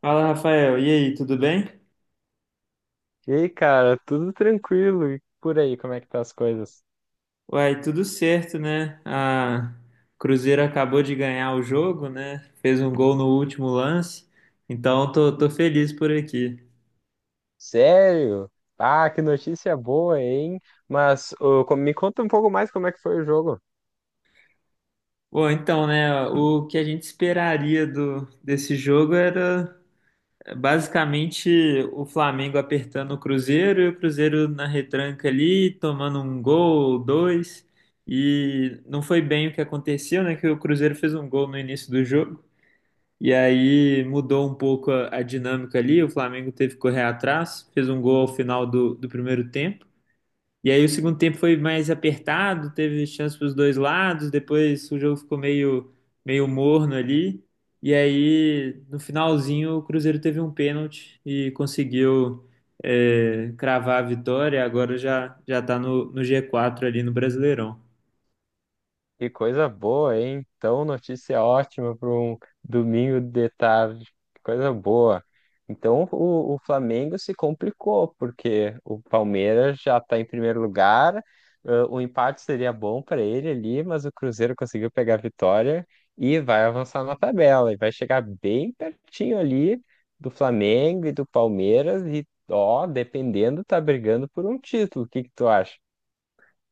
Fala, Rafael. E aí, tudo bem? E aí, cara, tudo tranquilo? E por aí, como é que tá as coisas? Uai, tudo certo, né? A Cruzeiro acabou de ganhar o jogo, né? Fez um gol no último lance, então tô feliz por aqui. Sério? Ah, que notícia boa, hein? Mas ô, me conta um pouco mais como é que foi o jogo. Bom, então, né? O que a gente esperaria desse jogo era basicamente o Flamengo apertando o Cruzeiro e o Cruzeiro na retranca ali, tomando um gol, dois. E não foi bem o que aconteceu, né? Que o Cruzeiro fez um gol no início do jogo. E aí mudou um pouco a dinâmica ali. O Flamengo teve que correr atrás, fez um gol ao final do primeiro tempo. E aí o segundo tempo foi mais apertado, teve chance para os dois lados. Depois o jogo ficou meio morno ali. E aí no finalzinho o Cruzeiro teve um pênalti e conseguiu, cravar a vitória. Agora já já está no G4 ali no Brasileirão. Que coisa boa, hein? Então, notícia ótima para um domingo de tarde. Que coisa boa. Então, o Flamengo se complicou, porque o Palmeiras já está em primeiro lugar. O empate seria bom para ele ali, mas o Cruzeiro conseguiu pegar a vitória e vai avançar na tabela. E vai chegar bem pertinho ali do Flamengo e do Palmeiras. E, ó, dependendo, tá brigando por um título. O que que tu acha?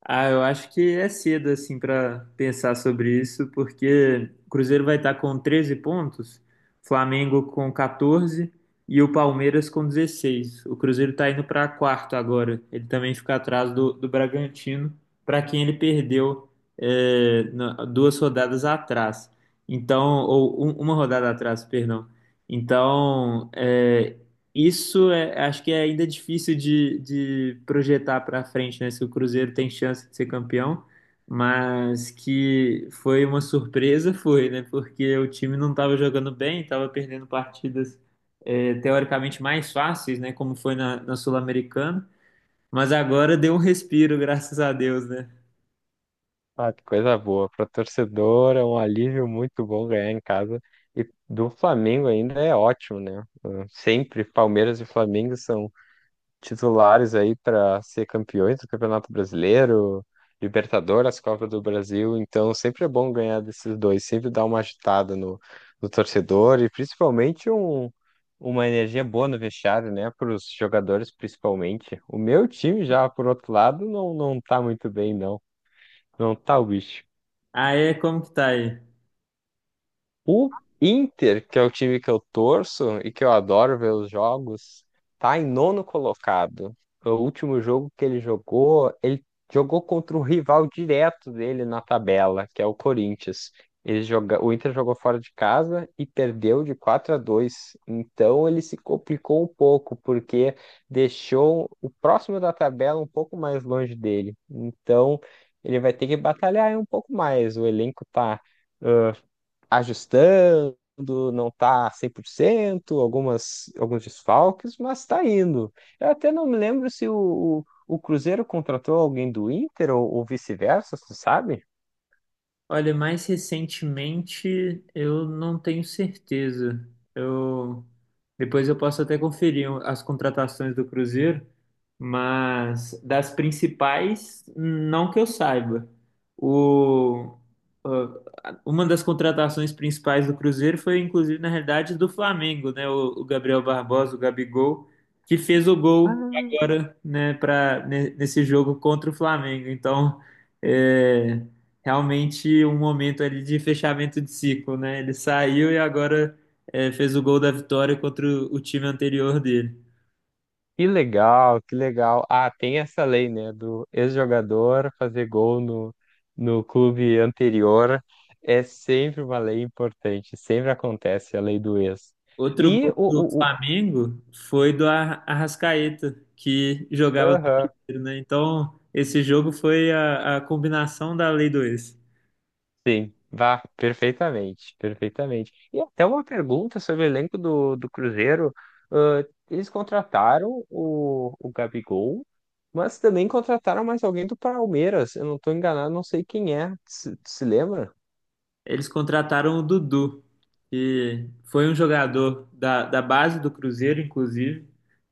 Ah, eu acho que é cedo assim para pensar sobre isso, porque o Cruzeiro vai estar com 13 pontos, Flamengo com 14 e o Palmeiras com 16. O Cruzeiro está indo para quarto agora. Ele também fica atrás do Bragantino, para quem ele perdeu, duas rodadas atrás. Então, ou uma rodada atrás, perdão. Então, acho que é ainda difícil de projetar para frente, né? Se o Cruzeiro tem chance de ser campeão, mas que foi uma surpresa, foi, né? Porque o time não estava jogando bem, estava perdendo partidas teoricamente mais fáceis, né? Como foi na Sul-Americana, mas agora deu um respiro, graças a Deus, né? Ah, que coisa boa. Para torcedor é um alívio muito bom ganhar em casa. E do Flamengo ainda é ótimo, né? Sempre Palmeiras e Flamengo são titulares aí para ser campeões do Campeonato Brasileiro, Libertadores, Copa do Brasil. Então sempre é bom ganhar desses dois. Sempre dá uma agitada no torcedor e principalmente uma energia boa no vestiário, né? Para os jogadores, principalmente. O meu time já, por outro lado, não tá muito bem, não. Não tá o bicho. Aí, como que tá aí? O Inter, que é o time que eu torço e que eu adoro ver os jogos, tá em nono colocado. O último jogo que ele jogou contra o rival direto dele na tabela, que é o Corinthians. Ele joga... O Inter jogou fora de casa e perdeu de 4-2. Então ele se complicou um pouco, porque deixou o próximo da tabela um pouco mais longe dele. Então ele vai ter que batalhar aí um pouco mais. O elenco tá ajustando, não está 100% algumas, alguns desfalques, mas está indo. Eu até não me lembro se o Cruzeiro contratou alguém do Inter ou vice-versa, você sabe? Olha, mais recentemente eu não tenho certeza. Eu Depois eu posso até conferir as contratações do Cruzeiro, mas das principais, não que eu saiba. O, uma das contratações principais do Cruzeiro foi, inclusive, na realidade, do Flamengo, né? O Gabriel Barbosa, o Gabigol, que fez o gol Ah, agora, né, nesse jogo contra o Flamengo. Então, é realmente um momento ali de fechamento de ciclo, né? Ele saiu e agora, fez o gol da vitória contra o time anterior dele. que legal, que legal. Ah, tem essa lei, né, do ex-jogador fazer gol no clube anterior. É sempre uma lei importante, sempre acontece a lei do ex. Outro E gol do o, o, o, Flamengo foi do Arrascaeta, que jogava no aham. Cruzeiro, né? Então, esse jogo foi a combinação da Lei do ex. Sim, vá, perfeitamente, perfeitamente. E até uma pergunta sobre o elenco do Cruzeiro. Ah, eles contrataram o Gabigol, mas também contrataram mais alguém do Palmeiras. Eu não estou enganado, não sei quem é. Se lembra? Eles contrataram o Dudu, que foi um jogador da base do Cruzeiro, inclusive.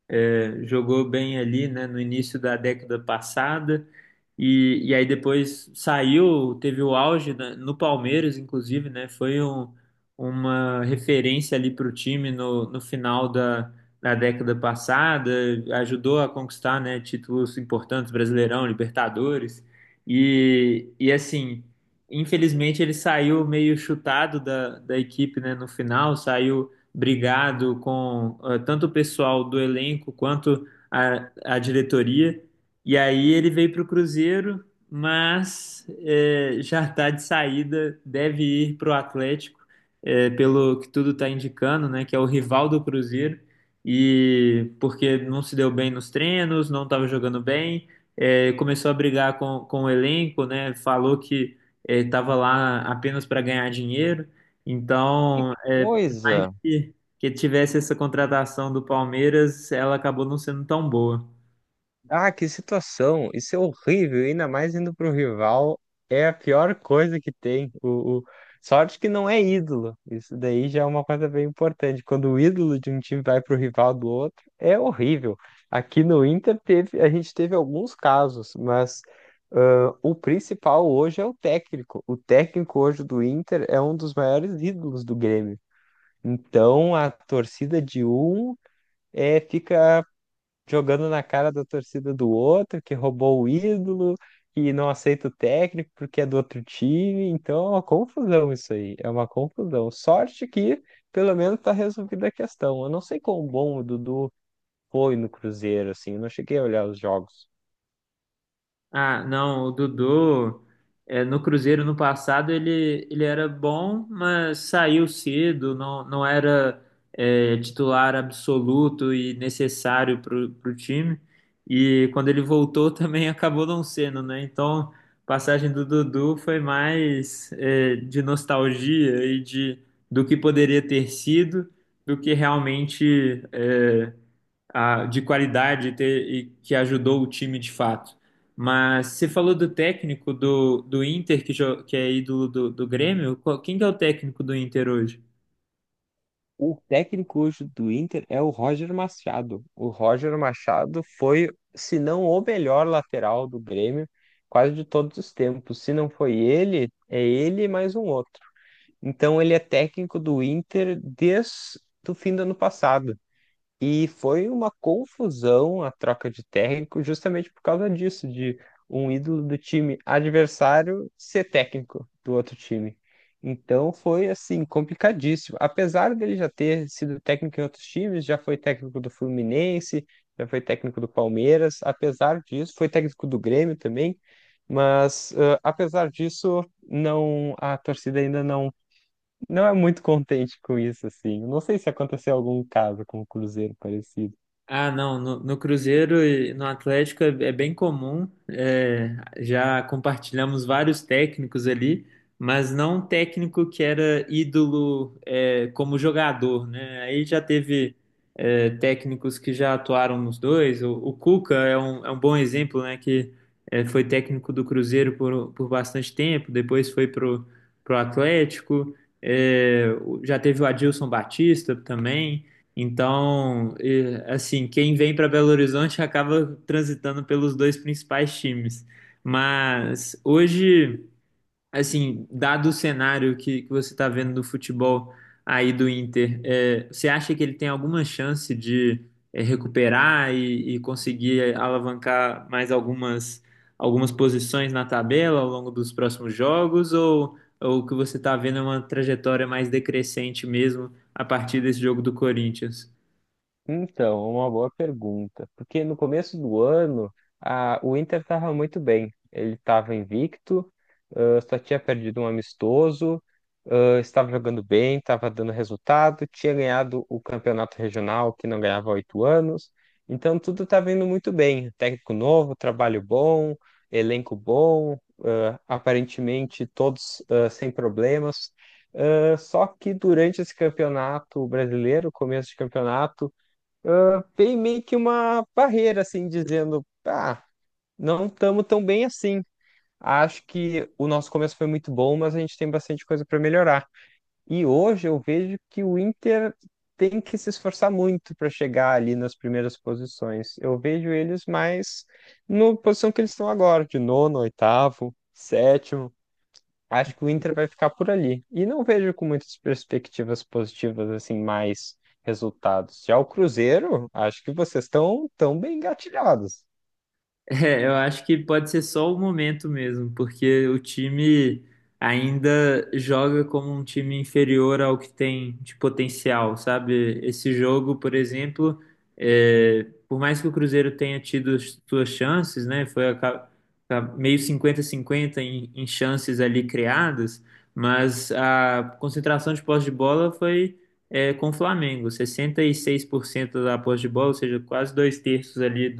É, jogou bem ali, né, no início da década passada. E aí depois saiu, teve o auge no Palmeiras, inclusive, né? Foi uma referência ali para o time no final da década passada. Ajudou a conquistar, né, títulos importantes, Brasileirão, Libertadores. E assim. Infelizmente, ele saiu meio chutado da equipe, né, no final, saiu brigado com, tanto o pessoal do elenco quanto a diretoria. E aí ele veio para o Cruzeiro, mas já está de saída, deve ir para o Atlético, pelo que tudo está indicando, né, que é o rival do Cruzeiro. E porque não se deu bem nos treinos, não estava jogando bem, começou a brigar com o elenco, né? Falou que ele estava lá apenas para ganhar dinheiro. Então, é, por mais Coisa. Que tivesse essa contratação do Palmeiras, ela acabou não sendo tão boa. Ah, que situação! Isso é horrível, ainda mais indo para o rival. É a pior coisa que tem. Sorte que não é ídolo. Isso daí já é uma coisa bem importante. Quando o ídolo de um time vai para o rival do outro, é horrível. Aqui no Inter teve, a gente teve alguns casos, mas o principal hoje é o técnico. O técnico hoje do Inter é um dos maiores ídolos do Grêmio. Então a torcida de um fica jogando na cara da torcida do outro, que roubou o ídolo e não aceita o técnico porque é do outro time. Então é uma confusão isso aí, é uma confusão. Sorte que pelo menos tá resolvida a questão. Eu não sei quão bom o Dudu foi no Cruzeiro, assim, eu não cheguei a olhar os jogos. Ah, não, o Dudu, no Cruzeiro no passado ele era bom, mas saiu cedo, não era, titular absoluto e necessário para o time. E quando ele voltou também acabou não sendo, né? Então, a passagem do Dudu foi mais, de nostalgia e do que poderia ter sido do que realmente, de qualidade e e que ajudou o time de fato. Mas você falou do técnico do Inter, que é ídolo do Grêmio. Quem que é o técnico do Inter hoje? O técnico hoje do Inter é o Roger Machado. O Roger Machado foi, se não o melhor lateral do Grêmio, quase de todos os tempos. Se não foi ele, é ele e mais um outro. Então ele é técnico do Inter desde o fim do ano passado. E foi uma confusão a troca de técnico justamente por causa disso, de um ídolo do time adversário ser técnico do outro time. Então foi assim, complicadíssimo. Apesar dele já ter sido técnico em outros times, já foi técnico do Fluminense, já foi técnico do Palmeiras, apesar disso, foi técnico do Grêmio também, mas apesar disso, não a torcida ainda não é muito contente com isso, assim. Não sei se aconteceu algum caso com o Cruzeiro parecido. Ah, não, no Cruzeiro e no Atlético é bem comum, é, já compartilhamos vários técnicos ali, mas não um técnico que era ídolo, é, como jogador, né? Aí já teve, técnicos que já atuaram nos dois, o Cuca é um bom exemplo, né? Foi técnico do Cruzeiro por bastante tempo, depois foi pro Atlético, já teve o Adilson Batista também. Então, e, assim, quem vem para Belo Horizonte acaba transitando pelos dois principais times. Mas hoje, assim, dado o cenário que você está vendo do futebol aí do Inter, é, você acha que ele tem alguma chance de, recuperar e conseguir alavancar mais algumas posições na tabela ao longo dos próximos jogos? Ou o que você está vendo é uma trajetória mais decrescente mesmo a partir desse jogo do Corinthians? Então, uma boa pergunta. Porque no começo do ano, o Inter estava muito bem. Ele estava invicto, só tinha perdido um amistoso, estava jogando bem, estava dando resultado, tinha ganhado o campeonato regional, que não ganhava há 8 anos. Então, tudo estava indo muito bem. Técnico novo, trabalho bom, elenco bom, aparentemente todos, sem problemas. Só que durante esse campeonato brasileiro, começo de campeonato, tem meio que uma barreira, assim, dizendo, ah, não estamos tão bem assim. Acho que o nosso começo foi muito bom, mas a gente tem bastante coisa para melhorar. E hoje eu vejo que o Inter tem que se esforçar muito para chegar ali nas primeiras posições. Eu vejo eles mais na posição que eles estão agora, de nono, oitavo, sétimo. Acho que o Inter vai ficar por ali. E não vejo com muitas perspectivas positivas, assim, mais resultados. Já o Cruzeiro, acho que vocês estão tão bem engatilhados. É, eu acho que pode ser só o momento mesmo, porque o time ainda joga como um time inferior ao que tem de potencial, sabe? Esse jogo, por exemplo, é, por mais que o Cruzeiro tenha tido as suas chances, né? Tá meio 50-50 em chances ali criadas, mas a concentração de posse de bola foi, é, com o Flamengo, 66% da posse de bola, ou seja, quase dois terços ali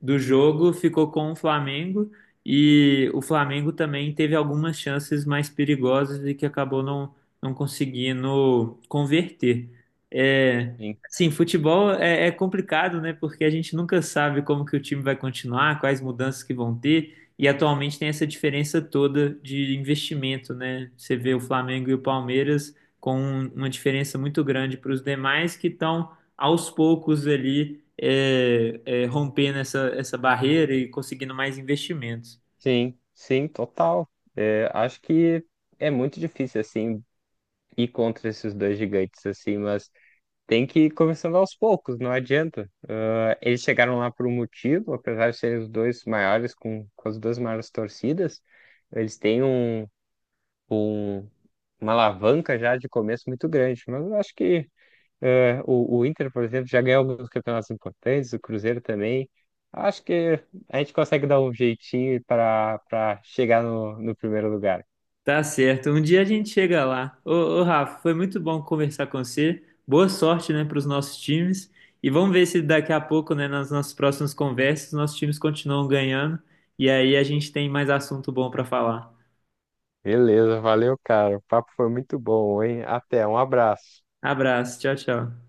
do jogo ficou com o Flamengo e o Flamengo também teve algumas chances mais perigosas e que acabou não, não conseguindo converter. É, Sim, sim, futebol é complicado, né? Porque a gente nunca sabe como que o time vai continuar, quais mudanças que vão ter. E atualmente tem essa diferença toda de investimento, né? Você vê o Flamengo e o Palmeiras com uma diferença muito grande para os demais que estão aos poucos ali rompendo essa barreira e conseguindo mais investimentos. sim, sim, total. É, acho que é muito difícil, assim, ir contra esses dois gigantes, assim, mas tem que ir começando aos poucos, não adianta. Ah, eles chegaram lá por um motivo, apesar de serem os dois maiores, com as duas maiores torcidas, eles têm um um uma alavanca já de começo muito grande. Mas eu acho que o Inter, por exemplo, já ganhou alguns campeonatos importantes, o Cruzeiro também. Acho que a gente consegue dar um jeitinho para chegar no primeiro lugar. Tá certo. Um dia a gente chega lá. Ô, Rafa, foi muito bom conversar com você. Boa sorte, né, para os nossos times. E vamos ver se daqui a pouco, né, nas nossas próximas conversas, nossos times continuam ganhando. E aí a gente tem mais assunto bom para falar. Beleza, valeu, cara. O papo foi muito bom, hein? Até, um abraço. Abraço. Tchau, tchau.